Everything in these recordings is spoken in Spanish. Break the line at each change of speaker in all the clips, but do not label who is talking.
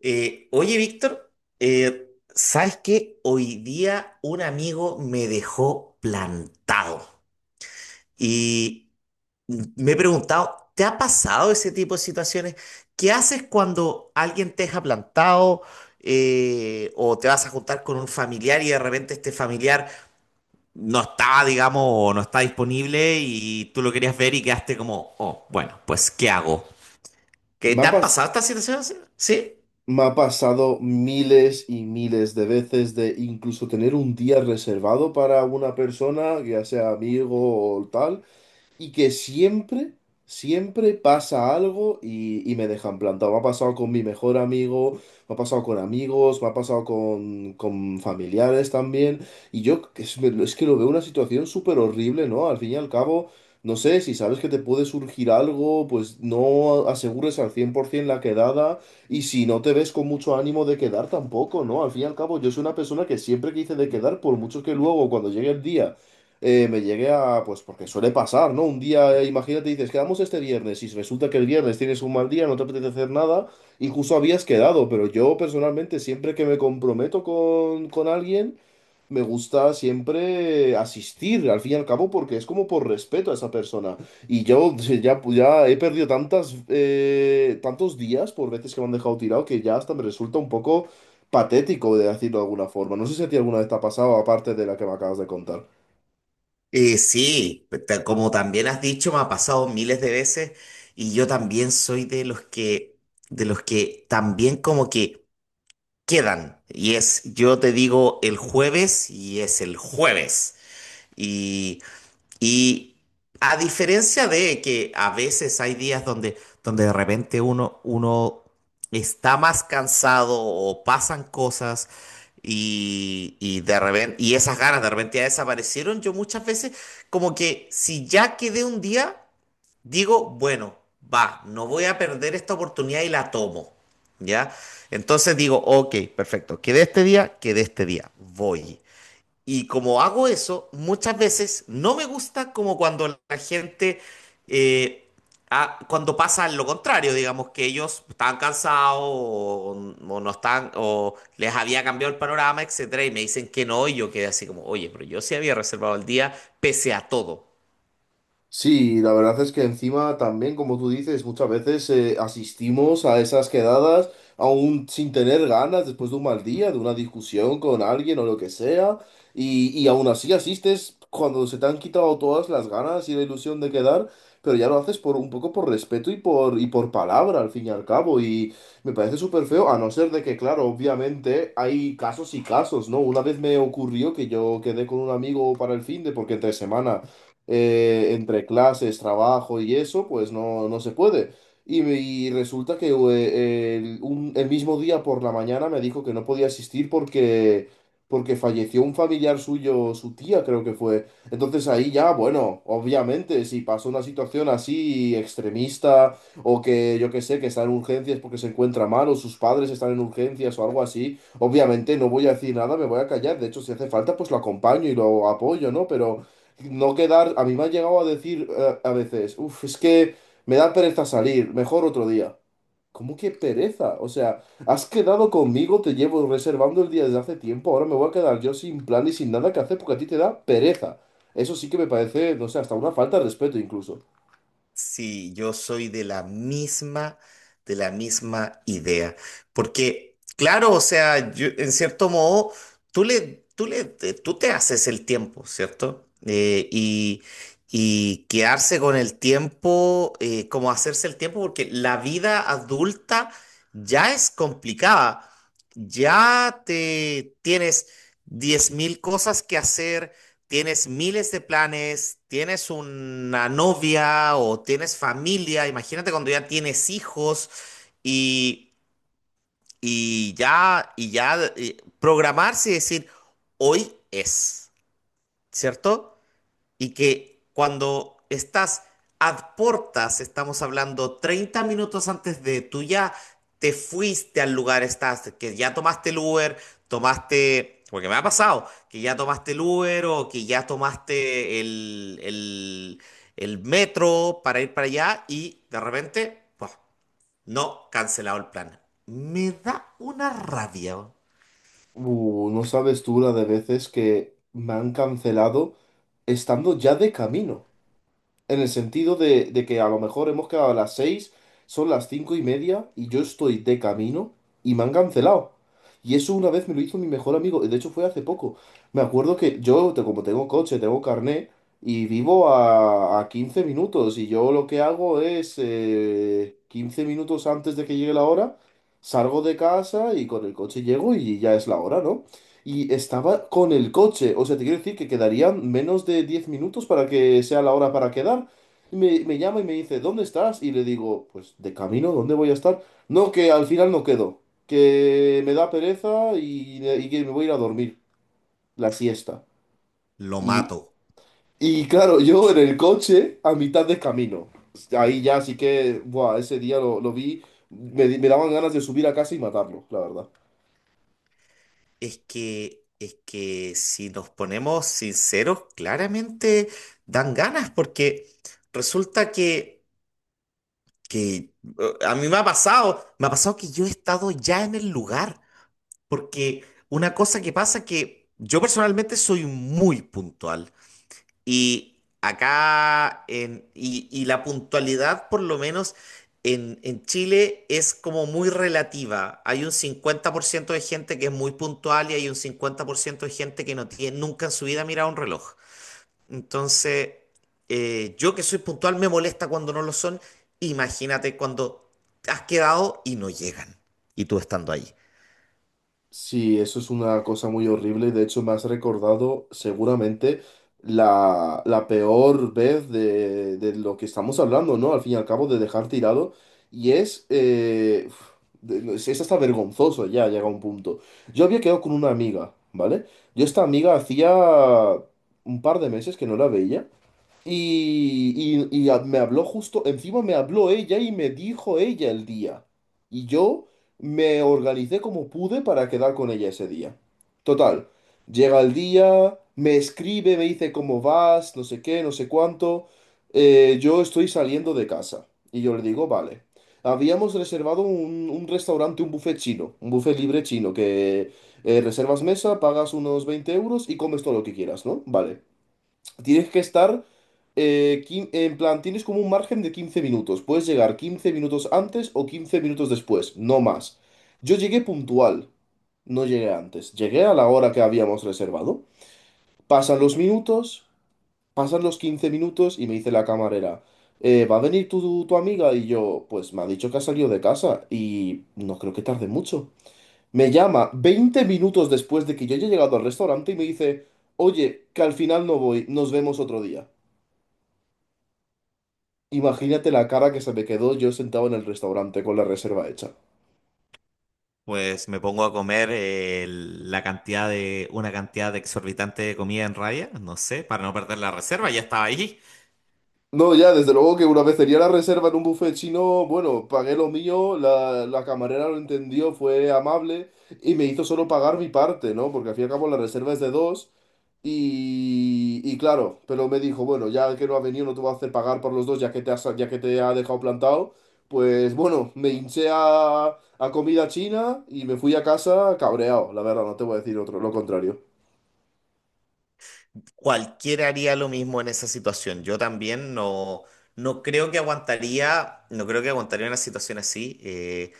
Oye, Víctor, ¿sabes qué? Hoy día un amigo me dejó plantado y me he preguntado, ¿te ha pasado ese tipo de situaciones? ¿Qué haces cuando alguien te deja plantado o te vas a juntar con un familiar y de repente este familiar no está, digamos, o no está disponible y tú lo querías ver y quedaste como, oh, bueno, pues ¿qué hago? ¿Qué
Me
te
ha,
han
pas-
pasado estas situaciones? ¿Sí?
Me ha pasado miles y miles de veces de incluso tener un día reservado para una persona, ya sea amigo o tal, y que siempre, siempre pasa algo y me dejan plantado. Me ha pasado con mi mejor amigo, me ha pasado con amigos, me ha pasado con familiares también. Y yo es que lo veo una situación súper horrible, ¿no? Al fin y al cabo, no sé, si sabes que te puede surgir algo, pues no asegures al 100% la quedada. Y si no te ves con mucho ánimo de quedar tampoco, ¿no? Al fin y al cabo, yo soy una persona que siempre quise de quedar, por mucho que luego, cuando llegue el día, me llegué a, pues porque suele pasar, ¿no? Un día, imagínate, dices, quedamos este viernes y resulta que el viernes tienes un mal día, no te apetece hacer nada y justo habías quedado, pero yo personalmente siempre que me comprometo con alguien, me gusta siempre asistir, al fin y al cabo, porque es como por respeto a esa persona. Y yo ya he perdido tantos días por veces que me han dejado tirado que ya hasta me resulta un poco, patético de decirlo de alguna forma. No sé si a ti alguna vez te ha pasado, aparte de la que me acabas de contar.
Sí, como también has dicho, me ha pasado miles de veces y yo también soy de los que también como que quedan. Y es, yo te digo el jueves y es el jueves. Y a diferencia de que a veces hay días donde de repente uno está más cansado o pasan cosas y de repente, y esas ganas de repente ya desaparecieron, yo muchas veces como que si ya quedé un día, digo, bueno, va, no voy a perder esta oportunidad y la tomo. ¿Ya? Entonces digo, ok, perfecto, quedé este día, voy. Y como hago eso, muchas veces no me gusta como cuando la gente, eh, cuando pasa lo contrario, digamos que ellos estaban cansados o no están, o les había cambiado el panorama, etcétera, y me dicen que no, y yo quedé así como, oye, pero yo sí había reservado el día pese a todo.
Sí, la verdad es que encima también, como tú dices, muchas veces asistimos a esas quedadas aún sin tener ganas después de un mal día, de una discusión con alguien o lo que sea, y aún así asistes cuando se te han quitado todas las ganas y la ilusión de quedar, pero ya lo haces por un poco por respeto y por palabra, al fin y al cabo, y me parece súper feo, a no ser de que, claro, obviamente hay casos y casos, ¿no? Una vez me ocurrió que yo quedé con un amigo para el fin de porque entre semana entre clases, trabajo y eso, pues no, no se puede. Y resulta que el mismo día por la mañana me dijo que no podía asistir porque, porque falleció un familiar suyo, su tía creo que fue. Entonces ahí ya, bueno, obviamente, si pasa una situación así extremista o que yo que sé, que está en urgencias porque se encuentra mal o sus padres están en urgencias o algo así, obviamente no voy a decir nada, me voy a callar. De hecho, si hace falta, pues lo acompaño y lo apoyo, ¿no? Pero no quedar, a mí me han llegado a decir a veces, es que me da pereza salir, mejor otro día. ¿Cómo que pereza? O sea, has quedado conmigo, te llevo reservando el día desde hace tiempo, ahora me voy a quedar yo sin plan y sin nada que hacer porque a ti te da pereza. Eso sí que me parece, no sé, hasta una falta de respeto incluso.
Sí, yo soy de la misma idea. Porque, claro, o sea, en cierto modo, tú te haces el tiempo, ¿cierto? Y quedarse con el tiempo, como hacerse el tiempo, porque la vida adulta ya es complicada. Ya te tienes 10.000 cosas que hacer, tienes miles de planes, tienes una novia o tienes familia, imagínate cuando ya tienes hijos y, programarse y decir, hoy es, ¿cierto? Y que cuando estás a portas, estamos hablando 30 minutos antes de tú ya te fuiste al lugar, estás, que ya tomaste el Uber, tomaste, porque me ha pasado, que ya tomaste el Uber o que ya tomaste el metro para ir para allá y de repente, pues, no, cancelado el plan. Me da una rabia,
No sabes tú la de veces que me han cancelado estando ya de camino. En el sentido de que a lo mejor hemos quedado a las 6, son las 5:30 y yo estoy de camino y me han cancelado. Y eso una vez me lo hizo mi mejor amigo, y de hecho fue hace poco. Me acuerdo que yo, como tengo coche, tengo carné y vivo a 15 minutos y yo lo que hago es 15 minutos antes de que llegue la hora, salgo de casa y con el coche llego y ya es la hora, ¿no? Y estaba con el coche, o sea, te quiero decir que quedarían menos de 10 minutos para que sea la hora para quedar. Y me llama y me dice, ¿dónde estás? Y le digo, pues de camino, ¿dónde voy a estar? No, que al final no quedo, que me da pereza y que me voy a ir a dormir la siesta.
lo
Y,
mato.
y claro, yo en el coche a mitad de camino. Ahí ya sí que, buah, ese día lo vi, me daban ganas de subir a casa y matarlo, la verdad.
Es que, si nos ponemos sinceros, claramente dan ganas, porque resulta que a mí me ha pasado que yo he estado ya en el lugar, porque una cosa que pasa que yo personalmente soy muy puntual. Y acá, en, y la puntualidad, por lo menos en Chile, es como muy relativa. Hay un 50% de gente que es muy puntual y hay un 50% de gente que no tiene, nunca en su vida ha mirado un reloj. Entonces, yo que soy puntual me molesta cuando no lo son. Imagínate cuando has quedado y no llegan. Y tú estando ahí.
Sí, eso es una cosa muy horrible. De hecho, me has recordado seguramente la peor vez de lo que estamos hablando, ¿no? Al fin y al cabo, de dejar tirado. Y es, no, es hasta vergonzoso ya, llega un punto. Yo había quedado con una amiga, ¿vale? Yo esta amiga hacía un par de meses que no la veía. Me habló justo, encima me habló ella y me dijo ella el día. Y yo me organicé como pude para quedar con ella ese día. Total, llega el día, me escribe, me dice cómo vas, no sé qué, no sé cuánto. Yo estoy saliendo de casa. Y yo le digo, vale. Habíamos reservado un restaurante, un buffet chino, un buffet libre chino, que reservas mesa, pagas unos 20 euros y comes todo lo que quieras, ¿no? Vale. Tienes que estar, en plan, tienes como un margen de 15 minutos. Puedes llegar 15 minutos antes o 15 minutos después, no más. Yo llegué puntual, no llegué antes. Llegué a la hora que habíamos reservado. Pasan los minutos, pasan los 15 minutos y me dice la camarera: ¿Va a venir tu amiga?" Y yo, pues me ha dicho que ha salido de casa y no creo que tarde mucho. Me llama 20 minutos después de que yo haya llegado al restaurante y me dice, oye, que al final no voy, nos vemos otro día. Imagínate la cara que se me quedó, yo sentado en el restaurante con la reserva hecha.
Pues me pongo a comer una cantidad de exorbitante de comida en raya, no sé, para no perder la reserva, ya estaba ahí.
No, ya, desde luego que una vez tenía la reserva en un buffet chino, bueno, pagué lo mío, la camarera lo entendió, fue amable y me hizo solo pagar mi parte, ¿no? Porque al fin y al cabo la reserva es de dos y claro, pero me dijo, bueno, ya que no ha venido no te voy a hacer pagar por los dos ya que ya que te ha dejado plantado, pues bueno, me hinché a comida china y me fui a casa cabreado, la verdad, no te voy a decir otro, lo contrario.
Cualquiera haría lo mismo en esa situación. Yo también no, no creo que aguantaría una situación así. Eh,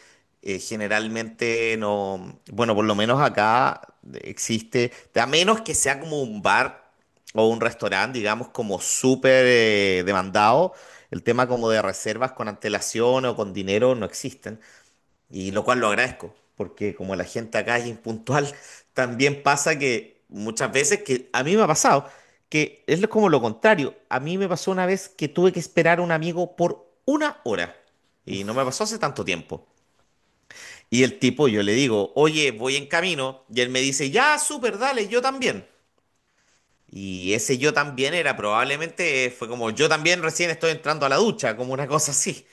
eh, Generalmente no, bueno, por lo menos acá existe, a menos que sea como un bar o un restaurante, digamos, como súper demandado, el tema como de reservas con antelación o con dinero no existen. Y lo cual lo agradezco, porque como la gente acá es impuntual, también pasa que muchas veces, que a mí me ha pasado, que es como lo contrario. A mí me pasó una vez que tuve que esperar a un amigo por una hora. Y no me pasó hace tanto tiempo. Y el tipo, yo le digo, oye, voy en camino. Y él me dice, ya, súper, dale, yo también. Y ese yo también era probablemente, fue como, yo también recién estoy entrando a la ducha, como una cosa así.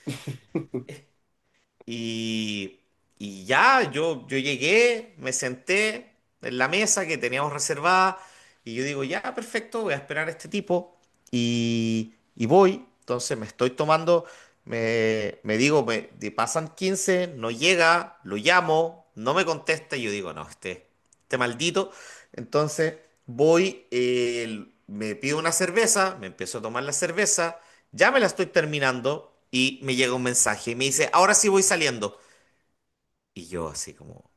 Y, y ya, yo llegué, me senté en la mesa que teníamos reservada y yo digo, ya, perfecto, voy a esperar a este tipo y voy. Entonces me estoy tomando, me digo, me, de- pasan 15, no llega, lo llamo, no me contesta y yo digo, no, este maldito. Entonces voy, me pido una cerveza, me empiezo a tomar la cerveza. Ya me la estoy terminando y me llega un mensaje y me dice, ahora sí voy saliendo. Y yo así como,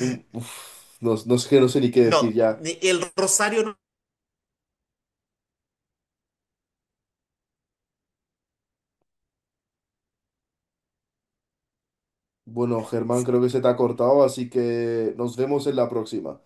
No, no sé ni qué decir
no,
ya.
el rosario no.
Bueno, Germán, creo que se te ha cortado, así que nos vemos en la próxima.